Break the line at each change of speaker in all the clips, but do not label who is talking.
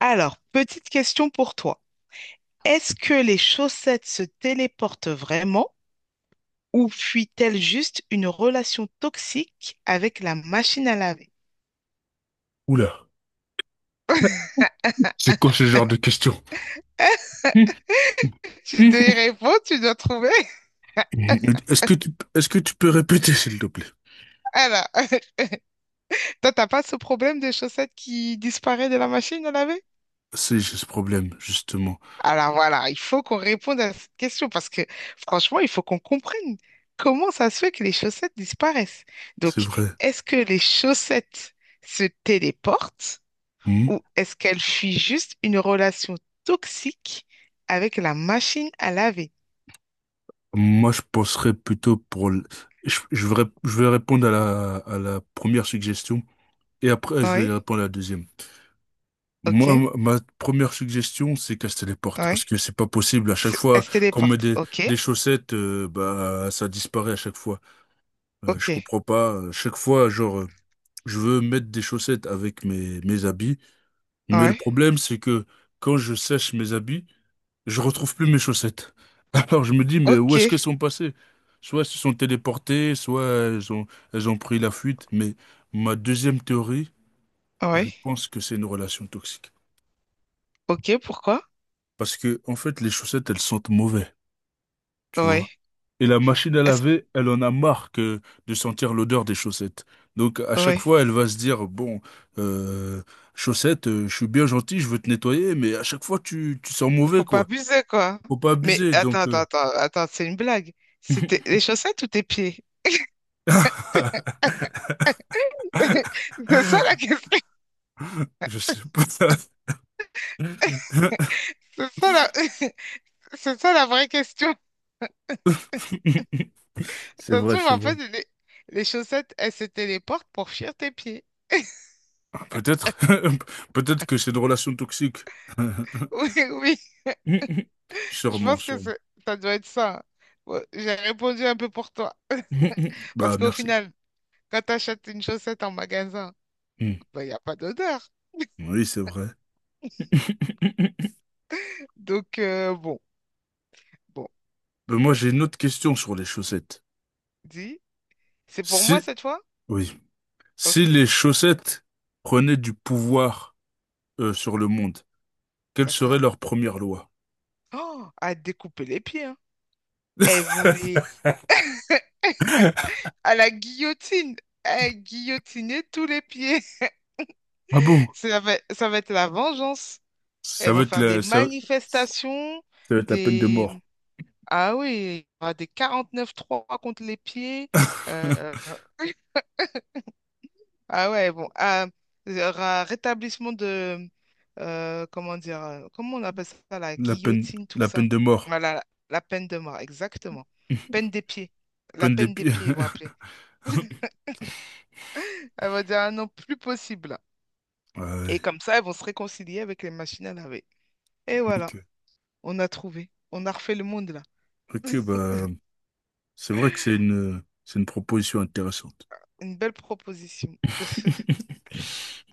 Alors, petite question pour toi. Est-ce que les chaussettes se téléportent vraiment ou fuit-elle juste une relation toxique avec la machine à laver?
Oula, c'est quoi ce genre de question?
Tu dois y répondre, tu dois trouver.
Est-ce que tu, est-ce que tu peux répéter, s'il te plaît?
Alors, toi, t'as pas ce problème de chaussettes qui disparaît de la machine à laver?
C'est j'ai ce problème, justement.
Alors voilà, il faut qu'on réponde à cette question parce que franchement, il faut qu'on comprenne comment ça se fait que les chaussettes disparaissent.
C'est
Donc,
vrai.
est-ce que les chaussettes se téléportent
Hmm.
ou est-ce qu'elle fuit juste une relation toxique avec la machine à laver?
Moi, je penserais plutôt pour... le- je vais répondre à la première suggestion et après, je
Oui,
vais répondre à la deuxième. Moi,
ok,
ma première suggestion, c'est qu'elle se téléporte
oui.
parce que c'est pas possible. À chaque
Elle
fois
se
qu'on met
téléporte, ok,
des chaussettes, bah, ça disparaît à chaque fois.
ok,
Je comprends pas. À chaque fois, genre, Je veux mettre des chaussettes avec mes habits, mais le
oui,
problème, c'est que quand je sèche mes habits, je retrouve plus mes chaussettes. Alors je me dis, mais
ok,
où est-ce qu'elles sont passées? Soit elles se sont téléportées, soit elles ont pris la fuite. Mais ma deuxième théorie, je
oui,
pense que c'est une relation toxique.
ok, pourquoi?
Parce que, en fait, les chaussettes, elles sentent mauvais, tu
Oui,
vois. Et la machine à
est-ce que...
laver, elle en a marre que de sentir l'odeur des chaussettes. Donc à chaque
Oui,
fois, elle va se dire, bon, euh, chaussettes, je suis bien gentil, je veux te nettoyer, mais à chaque fois, tu sens mauvais,
faut pas
quoi.
abuser, quoi.
Faut pas
Mais
abuser,
attends,
donc...
attends, attends, attends, c'est une blague. C'était les chaussettes ou tes pieds? C'est ça la question.
Je sais pas.
C'est ça la... C'est ça la vraie question.
C'est
Ça se
vrai,
trouve,
c'est
en
vrai.
fait, les, chaussettes, elles se téléportent pour fuir tes pieds.
Peut-être, peut-être que c'est une relation toxique.
Oui, oui. Je
Sûrement,
pense que
sûrement.
ça doit être ça, hein. Bon, j'ai répondu un peu pour toi.
Bah,
Parce qu'au
merci.
final, quand tu achètes une chaussette en magasin,
Mm.
ben, il n'y a pas d'odeur.
Oui, c'est vrai.
Donc, bon, bon,
Ben, moi, j'ai une autre question sur les chaussettes.
dis. C'est pour
Si,
moi cette fois?
oui, si
Ok,
les chaussettes prenaient du pouvoir sur le monde, quelle serait
d'accord.
leur première loi?
Oh, à découper les pieds, hein. Elles vont les... À la guillotine. À guillotiner tous les pieds.
Ah bon?
Ça va être la vengeance.
Ça
Elles
va
vont
être
faire des
la, ça
manifestations.
va être la peine de
Des
mort.
Ah oui, il y aura des quarante-neuf trois contre les pieds. Euh, ah ouais, bon. Ah, il y aura rétablissement de... comment dire? Comment on appelle ça? La guillotine, tout
La
ça.
peine de mort,
Voilà, la peine de mort, exactement. Peine des pieds. La
peine
peine des
d'épée.
pieds, ils vont appeler. Elle va dire, ah non, plus possible.
Ouais,
Et comme ça, ils vont se réconcilier avec les machines à laver. Et
ok,
voilà, on a trouvé. On a refait le monde, là.
ok, bah, c'est vrai que c'est une proposition intéressante.
Une belle proposition.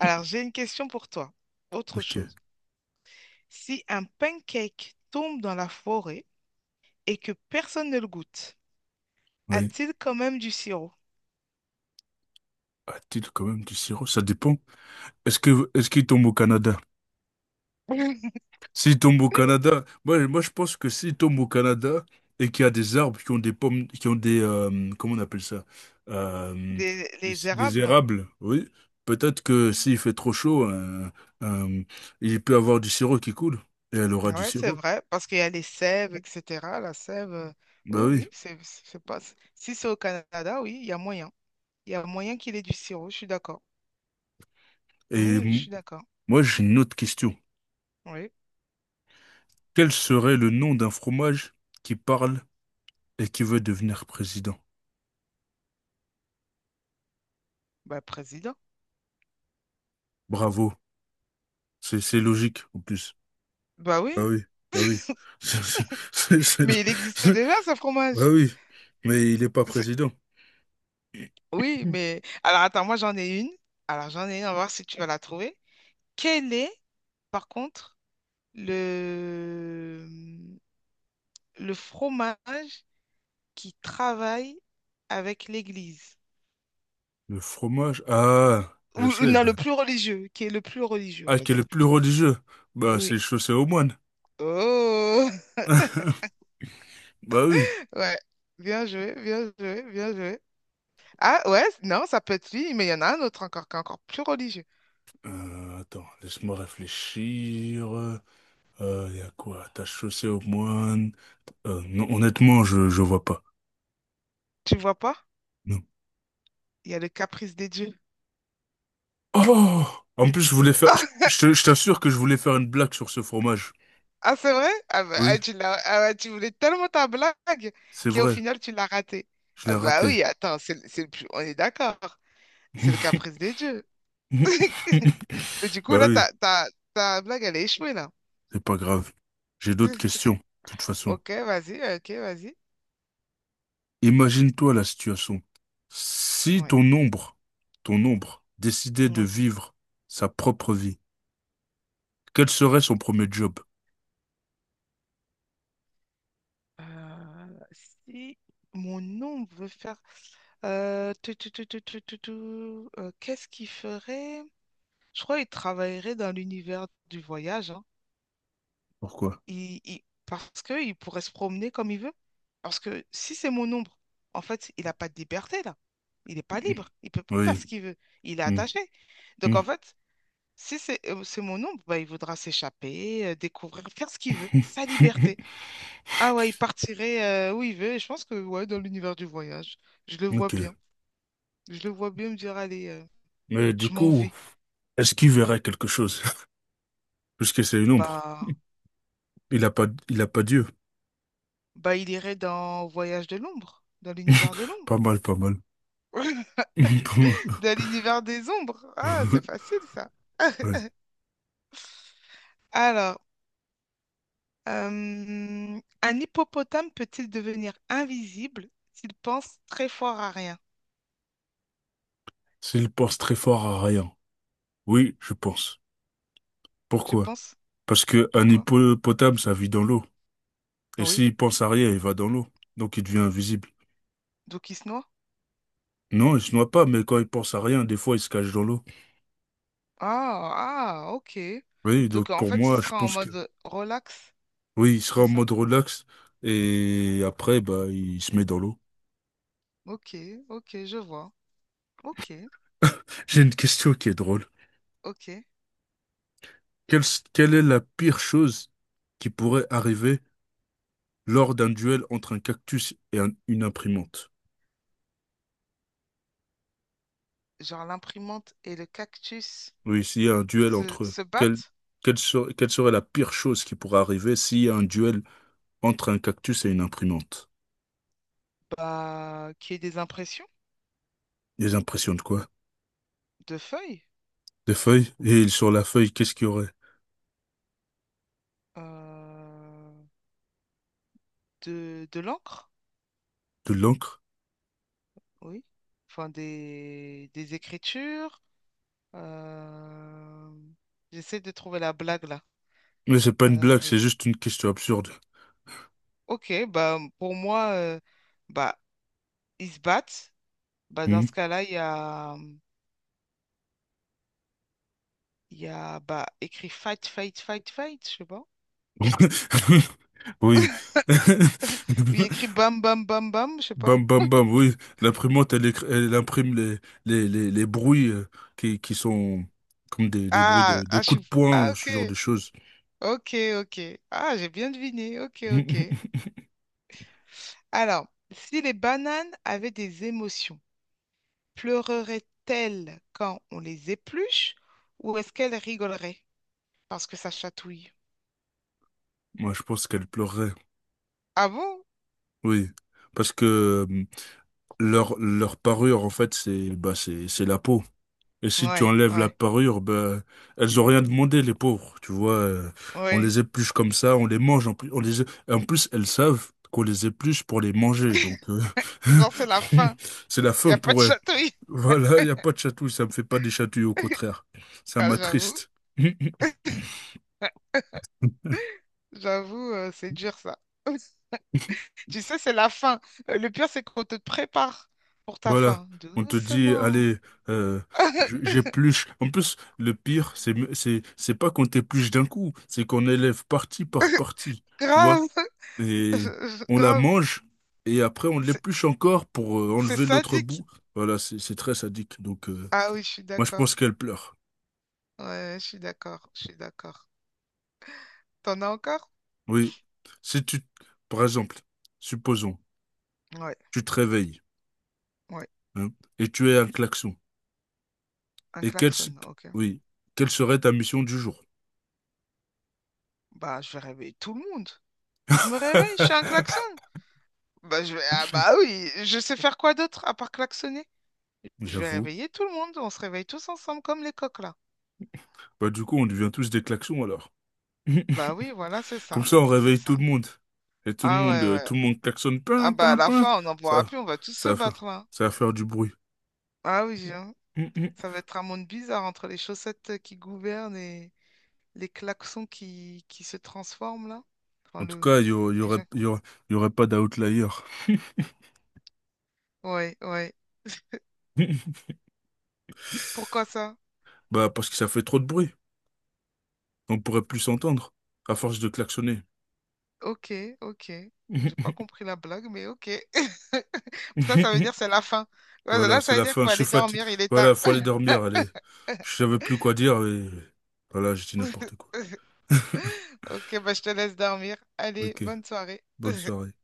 Alors, j'ai une question pour toi. Autre
Ok,
chose. Si un pancake tombe dans la forêt et que personne ne le goûte,
oui.
a-t-il quand même du sirop?
A-t-il quand même du sirop? Ça dépend. Est-ce qu'il tombe au Canada? S'il tombe au Canada, moi je pense que s'il tombe au Canada et qu'il y a des arbres qui ont des pommes, qui ont des comment on appelle ça? Euh,
Des- les
des
érables?
érables, oui. Peut-être que s'il fait trop chaud, euh, il peut avoir du sirop qui coule et elle aura du
Ouais, c'est
sirop.
vrai, parce qu'il y a les sèves, etc. La sève, oui,
Bah
oui,
oui.
c'est pas. Si c'est au Canada, oui, il y a moyen. Il y a moyen qu'il ait du sirop, je suis d'accord. Oui,
Et
oui, je
m-
suis d'accord.
moi j'ai une autre question.
Oui,
Quel serait le nom d'un fromage qui parle et qui veut devenir président?
bah, président.
Bravo, c'est logique en plus.
Bah
Bah
oui,
oui, bah oui. C'est- c'est- c'est- le-
mais il existait déjà ce
Bah
fromage.
oui, mais il n'est pas
C'est-
président.
Oui, mais. Alors attends, moi j'en ai une. Alors j'en ai une, on va voir si tu vas la trouver. Quelle est, par contre, le, le, fromage qui travaille avec l'église.
Le fromage, ah,
Ou
je
ou
sais,
non, le
bah.
plus religieux, qui est le plus religieux, on
Ah,
va
qui est
dire
le plus
plutôt.
religieux? Bah,
Oui.
c'est chaussé aux moines.
Oh,
Bah oui.
ouais. Bien joué, bien joué, bien joué. Ah ouais, non, ça peut être lui, mais il y en a un autre encore qui est encore plus religieux.
Attends, laisse-moi réfléchir. Y a quoi? T'as chaussé aux moines? Non, honnêtement, je vois pas.
Tu vois pas?
Non.
Il y a le caprice des dieux.
Oh! En plus, je voulais faire, je t'assure que je voulais faire une blague sur ce fromage.
Ah, c'est vrai? Ah bah, ah,
Oui,
ah ouais, tu voulais tellement ta blague
c'est
qu'au
vrai,
final, tu l'as ratée.
je l'ai
Ah bah
raté.
oui, attends, c'est le plus... on est d'accord. C'est le caprice des dieux. Mais du coup,
Bah
là,
oui,
ta blague, elle est échouée, là.
c'est pas grave. J'ai d'autres questions, de toute façon.
Ok, vas-y, ok, vas-y.
Imagine-toi la situation. Si
Ouais,
ton ombre, ton ombre, décidait de
oui.
vivre sa propre vie, quel serait son premier job?
Si mon ombre veut faire... euh, tu, tu, tu, tu, tu, tu, tu, qu'est-ce qu'il ferait? Je crois qu'il travaillerait dans l'univers du voyage, hein.
Pourquoi?
Parce qu'il pourrait se promener comme il veut. Parce que si c'est mon ombre, en fait, il n'a pas de liberté, là. Il n'est pas libre. Il peut pas faire
Oui.
ce qu'il veut. Il est
Hmm,
attaché. Donc,
hmm.
en fait, si c'est mon ombre, bah, il voudra s'échapper, découvrir, faire ce qu'il veut, sa liberté. Ah ouais, il partirait où il veut. Et je pense que ouais, dans l'univers du voyage, je le vois
Ok.
bien. Je le vois bien me dire, allez,
Mais du
je m'en
coup,
vais.
est-ce qu'il verrait quelque chose? Puisque c'est une ombre.
Bah,
Il a pas Dieu.
bah, il irait dans Voyage de l'ombre, dans l'univers de l'ombre,
Pas mal, pas mal.
dans l'univers des ombres. Ah, c'est facile ça.
Ouais.
Alors, un hippopotame peut-il devenir invisible s'il pense très fort à rien?
S'il pense très fort à rien. Oui, je pense.
Tu
Pourquoi?
penses?
Parce que un
Pourquoi?
hippopotame, ça vit dans l'eau. Et
Oui.
s'il pense à rien, il va dans l'eau. Donc il devient invisible.
Donc il se noie?
Non, il se noie pas, mais quand il pense à rien, des fois, il se cache dans l'eau.
Ah, ah, ok.
Oui,
Donc
donc
en
pour
fait, il
moi, je
sera en
pense que
mode relax,
oui, il sera
c'est
en
ça?
mode relax. Et après, bah, il se met dans l'eau.
Ok, ok, je vois. Ok,
J'ai une question qui est drôle.
ok.
Quelle, quelle est la pire chose qui pourrait arriver lors d'un duel entre un cactus et un- une imprimante?
Genre l'imprimante et le cactus
Oui, s'il y a un duel
se,
entre eux,
se battent?
quelle serait la pire chose qui pourrait arriver s'il y a un duel entre un cactus et une imprimante.
Bah, qu'il y ait des impressions
Des impressions de quoi?
de feuilles,
Des feuilles? Et sur la feuille, qu'est-ce qu'il y aurait?
euh, de, l'encre,
De l'encre?
oui. Enfin, des écritures. euh, J'essaie de trouver la blague là.
Mais c'est pas une blague,
Euh,
c'est juste une question absurde.
ok, bah pour moi, bah ils se battent. Bah, dans
Hmm.
ce cas-là, il y a bah, écrit fight, fight, fight, fight, je sais pas.
Oui.
Ou il y a écrit bam, bam, bam, bam, je sais pas.
Bam, bam, bam, oui. L'imprimante, elle, écri- elle imprime les bruits qui sont comme des bruits
Ah,
de
ah, je
coups de
suis...
poing
ah,
ou ce genre de
ok,
choses.
ok, ok. Ah, j'ai bien deviné, ok, ok. Alors, si les bananes avaient des émotions, pleurerait-elle quand on les épluche ou est-ce qu'elle rigolerait parce que ça chatouille?
Moi, je pense qu'elle pleurerait,
Ah bon?
oui. Parce que leur parure, en fait, c'est bah, c'est la peau. Et si tu
Ouais,
enlèves la
ouais,
parure, ben, elles ont rien demandé, les pauvres. Tu vois, on
ouais.
les épluche comme ça, on les mange. En plus, on les... en plus elles savent qu'on les épluche pour les manger. Donc,
Genre, c'est la fin.
c'est la
Il n'y
fin
a pas de
pour elles.
chatouille.
Voilà, il n'y a pas de chatouille. Ça me fait pas des chatouilles, au contraire. Ça
Ah, j'avoue,
m'attriste.
j'avoue, c'est dur ça. Tu sais, c'est la fin. Le pire, c'est qu'on te prépare pour ta
Voilà.
fin.
On te dit,
Doucement.
allez, euh, je- j'épluche. En plus, le pire, c'est pas qu'on t'épluche d'un coup, c'est qu'on élève partie par partie. Tu vois?
Grave.
Et on la
Grave.
mange et après on
C'est
l'épluche encore pour
c'est
enlever l'autre
sadique.
bout. Voilà, c'est très sadique. Donc
Ah oui, je suis
moi je
d'accord.
pense qu'elle pleure.
Ouais, je suis d'accord. Je suis d'accord. T'en as encore?
Oui. Si tu, par exemple, supposons,
Ouais,
tu te réveilles
ouais.
hein, et tu es un klaxon.
Un
Et
klaxon, ok.
oui, quelle serait ta mission du jour?
Bah, je vais réveiller tout le monde. Je me réveille, je suis un klaxon. Bah, je vais... Ah bah oui, je sais faire quoi d'autre à part klaxonner? Je vais
J'avoue.
réveiller tout le monde. On se réveille tous ensemble comme les coqs là.
Bah du coup on devient tous des klaxons alors.
Bah oui, voilà, c'est
Comme
ça.
ça on
C'est
réveille tout
ça.
le monde. Et
Ah ouais, ouais.
tout le monde klaxonne.
Ah
Pin,
bah à
pin,
la
pin.
fin, on n'en pourra
Ça,
plus, on va tous se
ça, va- fa-
battre là.
ça va faire du bruit.
Ah oui, hein. Ça va être un monde bizarre entre les chaussettes qui gouvernent et les klaxons qui se transforment là. Enfin,
En tout
le...
cas, il y, au- il y
les
aurait,
gens...
il y aurait, il y aurait pas d'outlier.
Ouais, ouais. Pourquoi ça?
Bah, parce que ça fait trop de bruit. On pourrait plus s'entendre, à force de klaxonner.
Ok, ok. J'ai pas compris la blague, mais ok. Ça veut dire c'est la fin. Ouais,
Voilà,
là,
c'est
ça veut
la
dire qu'il
fin.
faut
Je suis
aller
fatigué.
dormir, il est tard.
Voilà, faut aller dormir. Allez. Je savais plus quoi dire et voilà, j'ai dit n'importe quoi.
Ok, bah je te laisse dormir. Allez,
Ok,
bonne soirée.
bonne soirée.